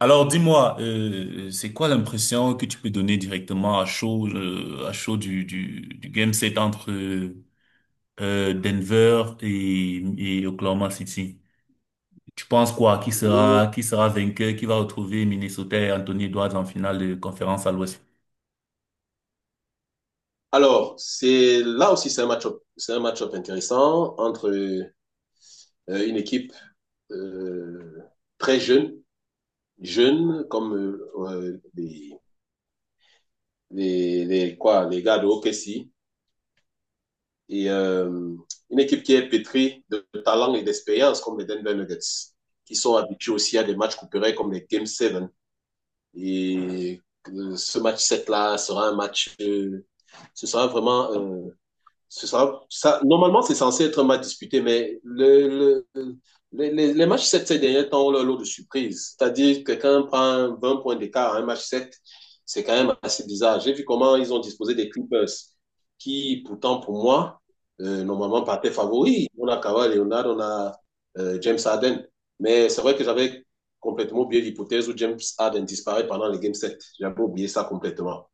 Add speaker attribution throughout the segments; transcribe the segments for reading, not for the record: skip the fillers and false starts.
Speaker 1: Alors dis-moi, c'est quoi l'impression que tu peux donner directement à chaud du game set entre Denver et, Oklahoma City? Tu penses quoi? Qui sera vainqueur? Qui va retrouver Minnesota et Anthony Edwards en finale de conférence à l'Ouest?
Speaker 2: Alors, c'est là aussi c'est un match-up intéressant entre une équipe euh, très jeune, jeune comme les gars de OKC et une équipe qui est pétrie de talent et d'expérience comme les Denver Nuggets, qui sont habitués aussi à des matchs couperets comme les Game 7. Et ce match 7 là sera un match, ce sera vraiment euh, normalement, c'est censé être un match disputé, mais les matchs 7 ces derniers temps ont leur lot de surprises. C'est-à-dire que quand on prend 20 points d'écart à un match sept. C'est quand même assez bizarre. J'ai vu comment ils ont disposé des Clippers, qui pourtant, pour moi, normalement partaient favoris. On a Kawhi Leonard, on a James Harden. Mais c'est vrai que j'avais complètement oublié l'hypothèse où James Harden disparaît pendant les Game 7. J'avais oublié ça complètement.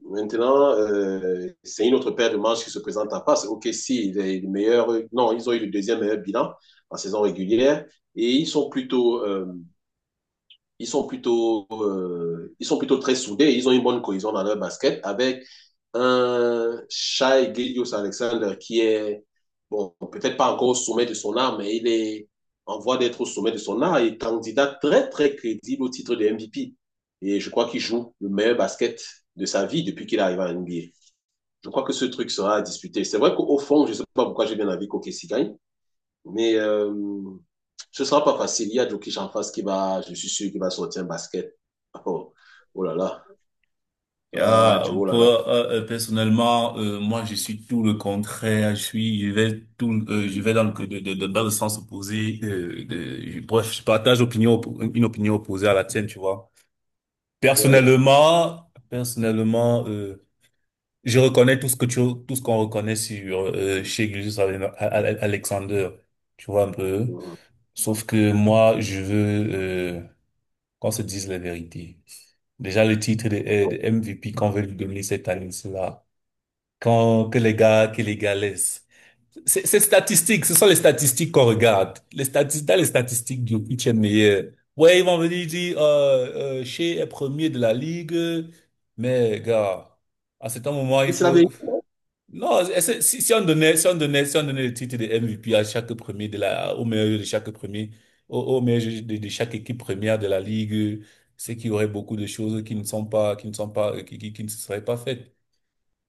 Speaker 2: Maintenant, c'est une autre paire de manches qui se présente à Passe. Ok, si, les meilleurs, non, ils ont eu le deuxième meilleur bilan en saison régulière et ils sont plutôt très soudés. Ils ont une bonne cohésion dans leur basket avec un Shai Gilgeous Alexander qui est, bon, peut-être pas encore au sommet de son art, mais il est en voie d'être au sommet de son art et candidat très, très crédible au titre de MVP. Et je crois qu'il joue le meilleur basket de sa vie depuis qu'il arrive à NBA. Je crois que ce truc sera à disputer. C'est vrai qu'au fond, je ne sais pas pourquoi j'ai bien envie qu'Okessi gagne, mais ce ne sera pas facile. Il y a Djokic en face qui va, je suis sûr, qui va sortir un basket. Oh, oh là là, ah, du oh là là.
Speaker 1: Personnellement, moi je suis tout le contraire. Je suis, je vais tout, je vais dans le, dans le sens opposé. Bref, je partage opinion, oppo- une opinion opposée à la tienne, tu vois.
Speaker 2: Oui.
Speaker 1: Personnellement, je reconnais tout ce qu'on reconnaît sur chez Gilgeous Alexander. Tu vois un peu.
Speaker 2: Mhm.
Speaker 1: Sauf que moi, je veux qu'on se dise la vérité. Déjà le titre de MVP qu'on veut lui donner cette année, c'est là. Quand que les gars laissent. C'est statistique, ce sont les statistiques qu'on regarde. Les statistiques, dans les statistiques, Jokic est meilleur. Ouais, ils vont venir dire, Shea est premier de la ligue, mais gars, à cet moment, il
Speaker 2: Mais c'est la
Speaker 1: faut…
Speaker 2: vérité.
Speaker 1: Non, si, on donnait, le titre de MVP à chaque premier de la, au meilleur de chaque premier, au meilleur de chaque équipe première de la ligue, c'est qu'il y aurait beaucoup de choses qui ne sont pas, qui ne sont pas, qui ne seraient pas faites.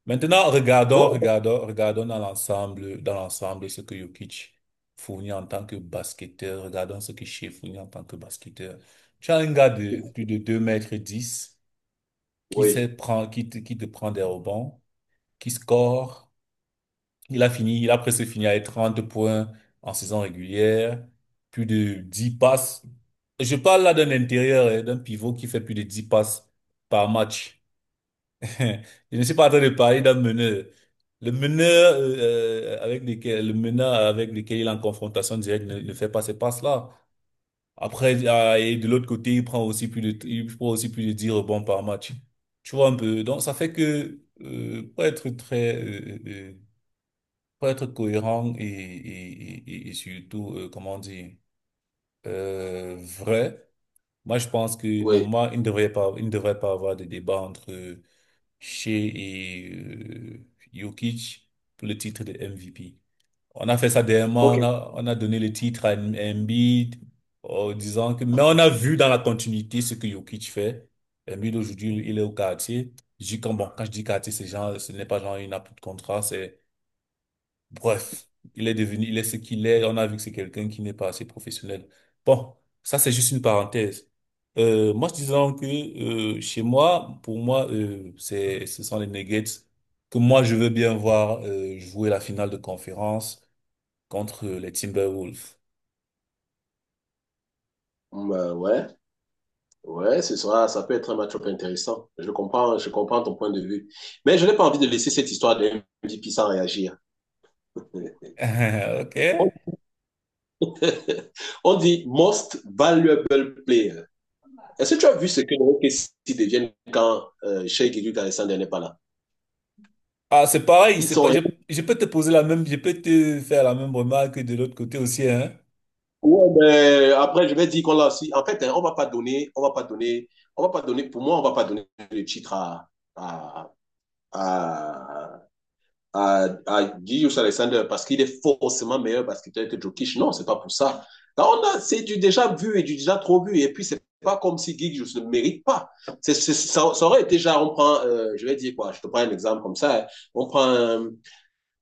Speaker 1: Maintenant,
Speaker 2: Oh,
Speaker 1: regardons dans l'ensemble ce que Jokic fournit en tant que basketteur. Regardons ce que Shea fournit en tant que basketteur. Tu as un gars de plus de 2 m 10
Speaker 2: oui,
Speaker 1: qui te prend des rebonds, qui score. Il a presque fini avec 30 points en saison régulière, plus de 10 passes. Je parle là d'un intérieur, hein, d'un pivot qui fait plus de 10 passes par match. Je ne suis pas en train de parler d'un meneur. Le meneur le meneur avec lequel il est en confrontation directe ne fait pas ces passes-là. Après, et de l'autre côté, il prend aussi plus de 10 rebonds par match. Tu vois un peu. Donc, ça fait que, pour être pour être cohérent et surtout, comment dire, vrai, moi, je pense que
Speaker 2: oui.
Speaker 1: normalement, il ne devrait pas avoir de débat entre chez Jokic pour le titre de MVP. On a fait ça dernièrement,
Speaker 2: Ok.
Speaker 1: on a donné le titre à Embiid en disant que, mais on a vu dans la continuité ce que Jokic fait. Embiid aujourd'hui, il est au quartier. Je dis quand, bon, quand je dis quartier, c'est genre, ce n'est pas genre une appui de contrat, c'est… Bref, il est devenu, il est ce qu'il est. On a vu que c'est quelqu'un qui n'est pas assez professionnel. Bon, ça c'est juste une parenthèse. Moi, je disais donc que chez moi, pour moi, ce sont les Nuggets que moi je veux bien voir jouer la finale de conférence contre les Timberwolves.
Speaker 2: Bah, ouais, ouais, ça peut être un match-up intéressant. Je comprends ton point de vue. Mais je n'ai pas envie de laisser cette histoire de MVP sans réagir.
Speaker 1: Ok?
Speaker 2: On, on dit most valuable player. Est-ce que tu as vu ce que les Kessie deviennent quand Sheikh Edu Alexander n'est pas là?
Speaker 1: Ah, c'est pareil,
Speaker 2: Ils
Speaker 1: c'est pas,
Speaker 2: sont.
Speaker 1: je peux te poser la même, je peux te faire la même remarque de l'autre côté aussi, hein.
Speaker 2: Ouais, mais après, je vais dire qu'on l'a aussi. En fait, hein, on va pas donner, pour moi, on ne va pas donner le titre à, à, à Gilles Alexander parce qu'il est forcément meilleur basketteur que Jokic. Non, c'est pas pour ça. Là, c'est du déjà vu et du déjà trop vu. Et puis, c'est pas comme si Gigius ne mérite pas. Ça aurait été déjà, je vais dire quoi, je te prends un exemple comme ça. Hein. On prend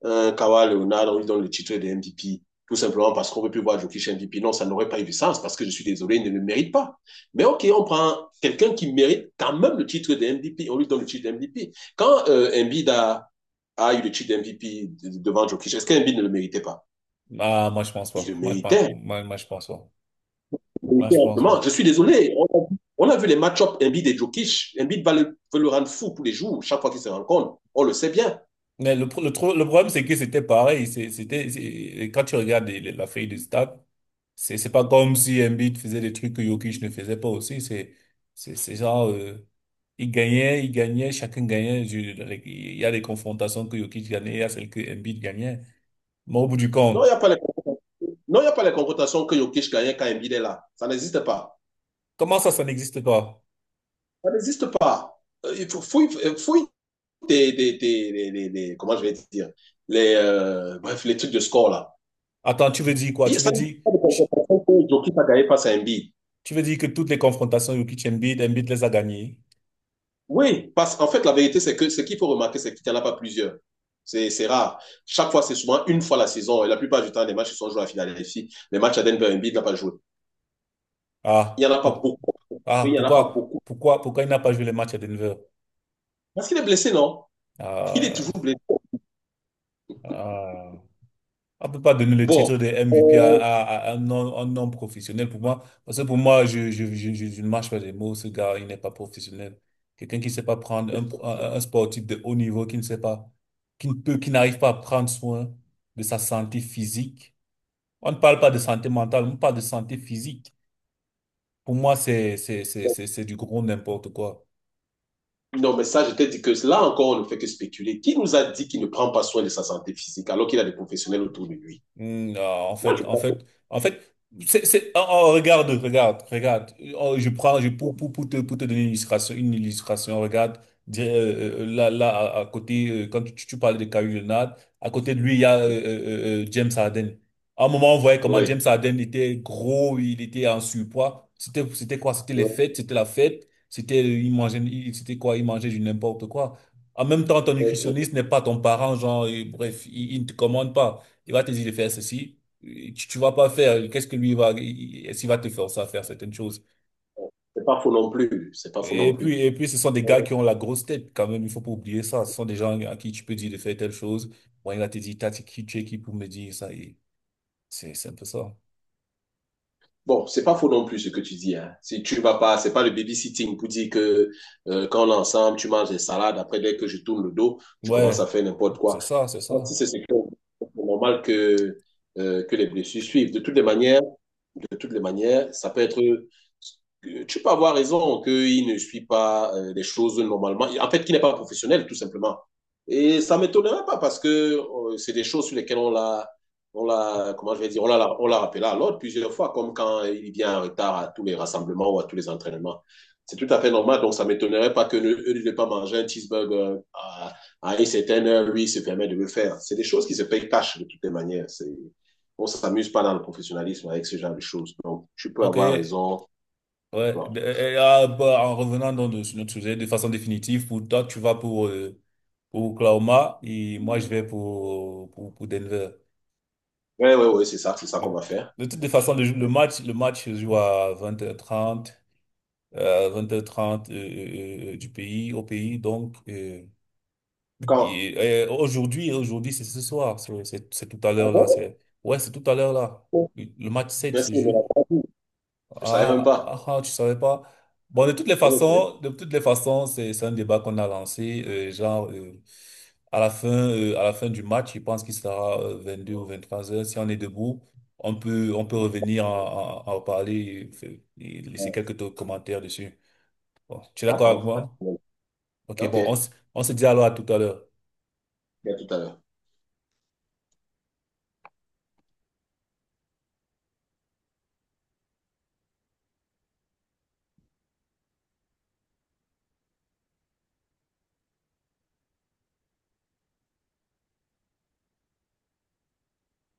Speaker 2: un Kawhi Leonard, on lui donne le titre de MVP, tout simplement parce qu'on ne veut plus voir Jokic MVP. Non, ça n'aurait pas eu de sens parce que je suis désolé, il ne le mérite pas. Mais OK, on prend quelqu'un qui mérite quand même le titre de MVP, on lui donne le titre de MVP. Quand Embiid a eu le titre de MVP devant Jokic, est-ce qu'Embiid ne le méritait pas?
Speaker 1: Ah, moi, je pense
Speaker 2: Il
Speaker 1: pas.
Speaker 2: le méritait.
Speaker 1: Moi, je pense pas. Moi, je pense pas.
Speaker 2: Je suis désolé. On a vu les match-ups Embiid et Jokic. Embiid veut le rendre fou tous les jours, chaque fois qu'ils se rencontrent. On le sait bien.
Speaker 1: Mais le problème, c'est que c'était pareil. Et quand tu regardes la feuille de stats, c'est pas comme si Embiid faisait des trucs que Jokic ne faisait pas aussi. C'est genre, il gagnait, chacun gagnait. Il y a des confrontations que Jokic gagnait, il y a celles que Embiid gagnait. Mais au bout du
Speaker 2: Non, il
Speaker 1: compte,
Speaker 2: n'y a pas les confrontations. Non, il n'y a pas les confrontations que Jokic gagne quand Embiid est là. Ça n'existe pas.
Speaker 1: comment ça, ça n'existe pas?
Speaker 2: Ça n'existe pas. Il faut fouille comment je vais dire, bref, les trucs de score là.
Speaker 1: Attends, tu veux dire quoi?
Speaker 2: Et ça ne pas de
Speaker 1: Tu,
Speaker 2: compensation que Jokic a gagné passe à Embiid.
Speaker 1: tu veux dire que toutes les confrontations Jokic-Embiid, Embiid les a gagnées?
Speaker 2: Oui, parce qu'en fait, la vérité, c'est que ce qu'il faut remarquer, c'est qu'il n'y en a pas plusieurs. C'est rare. Chaque fois, c'est souvent une fois la saison. Et la plupart du temps, les matchs qui sont joués à la finale Philadelphie, les matchs à Denver, Embiid n'a pas joué. Il n'y
Speaker 1: Ah,
Speaker 2: en a pas
Speaker 1: pour-
Speaker 2: beaucoup. Mais il
Speaker 1: ah,
Speaker 2: n'y en a pas beaucoup.
Speaker 1: pourquoi il n'a pas joué les matchs à Denver?
Speaker 2: Parce qu'il est blessé, non? Il est
Speaker 1: Ah,
Speaker 2: toujours blessé.
Speaker 1: ah. On ne peut pas donner le
Speaker 2: Bon.
Speaker 1: titre de MVP à,
Speaker 2: euh,
Speaker 1: à un non professionnel pour moi. Parce que pour moi, je ne marche pas des mots. Ce gars, il n'est pas professionnel. Quelqu'un qui ne sait pas prendre un sportif de haut niveau, qui ne sait pas, qui ne peut, qui n'arrive pas à prendre soin de sa santé physique. On ne parle pas de santé mentale, on parle de santé physique. Pour moi, c'est du gros n'importe quoi.
Speaker 2: non, mais ça, je t'ai dit que là encore, on ne fait que spéculer. Qui nous a dit qu'il ne prend pas soin de sa santé physique alors qu'il a des professionnels autour de lui?
Speaker 1: Hmm, non,
Speaker 2: Moi, je crois que
Speaker 1: en fait, oh, regarde, regarde. Oh, je prends, je, pour te donner une illustration, regarde, là, à côté, quand tu parlais de Kawhi Leonard, à côté de lui, il y a James Harden. À un moment, on voyait comment
Speaker 2: oui.
Speaker 1: James Harden était gros, il était en surpoids. C'était quoi? C'était les fêtes, c'était la fête, il mangeait, c'était quoi? Il mangeait du n'importe quoi. En même temps, ton
Speaker 2: Oui.
Speaker 1: nutritionniste n'est pas ton parent, genre, et bref, il ne te commande pas. Il va te dire de faire ceci. Tu vas pas faire. Qu'est-ce que lui va, est-ce qu'il va te forcer à faire certaines choses?
Speaker 2: C'est pas faux non plus. C'est pas faux non plus.
Speaker 1: Et puis, ce sont des gars qui ont la grosse tête quand même. Il faut pas oublier ça. Ce sont des gens à qui tu peux dire de faire telle chose. Bon, il va te dire, t'as dit qui tu es qui pour me dire ça. Et c'est un peu ça.
Speaker 2: Bon, c'est pas faux non plus ce que tu dis. Hein. Si tu vas pas, c'est pas le babysitting pour dire que quand on est ensemble, tu manges des salades. Après, dès que je tourne le dos, tu commences à
Speaker 1: Ouais,
Speaker 2: faire n'importe quoi.
Speaker 1: c'est
Speaker 2: Bon,
Speaker 1: ça.
Speaker 2: Si c'est ce que- c'est normal que les blessures suivent. De toutes les manières, ça peut être. Tu peux avoir raison qu'il ne suit pas les choses normalement. En fait, qu'il n'est pas professionnel, tout simplement. Et ça ne m'étonnerait pas parce que c'est des choses sur lesquelles on l'a. On l'a, comment je vais dire, on l'a rappelé à l'ordre plusieurs fois, comme quand il vient en retard à tous les rassemblements ou à tous les entraînements. C'est tout à fait normal, donc ça ne m'étonnerait pas que ne, eux ne pas manger un cheeseburger à une certaine heure, lui, il se permet de le faire. C'est des choses qui se payent cash de toutes les manières. On s'amuse pas dans le professionnalisme avec ce genre de choses. Donc, tu peux
Speaker 1: Ok.
Speaker 2: avoir
Speaker 1: Ouais.
Speaker 2: raison. Oui,
Speaker 1: En revenant sur notre sujet de façon définitive, pour toi, tu vas pour Oklahoma et moi, je vais pour Denver.
Speaker 2: oui, oui, c'est ça
Speaker 1: De,
Speaker 2: qu'on va faire.
Speaker 1: de toutes les façons, le match se joue à vingt h 30 20h30 du pays, au pays. Donc,
Speaker 2: Quand?
Speaker 1: et aujourd'hui, aujourd'hui, c'est ce soir. C'est tout à
Speaker 2: Ah
Speaker 1: l'heure là.
Speaker 2: bon?
Speaker 1: Ouais, c'est tout à l'heure là.
Speaker 2: Oh,
Speaker 1: Le match 7
Speaker 2: merci
Speaker 1: se
Speaker 2: de
Speaker 1: joue.
Speaker 2: la partie. Je savais même pas.
Speaker 1: Ah, tu savais pas. Bon,
Speaker 2: Ok,
Speaker 1: de toutes les façons, c'est un débat qu'on a lancé. À la fin, à la fin du match, je pense qu'il sera 22 ou 23 heures. Si on est debout, on peut revenir en parler et, et laisser quelques commentaires dessus. Bon, tu es d'accord avec
Speaker 2: d'accord.
Speaker 1: moi? Ok,
Speaker 2: Ok,
Speaker 1: bon,
Speaker 2: à
Speaker 1: on se dit alors à tout à l'heure.
Speaker 2: tout à l'heure.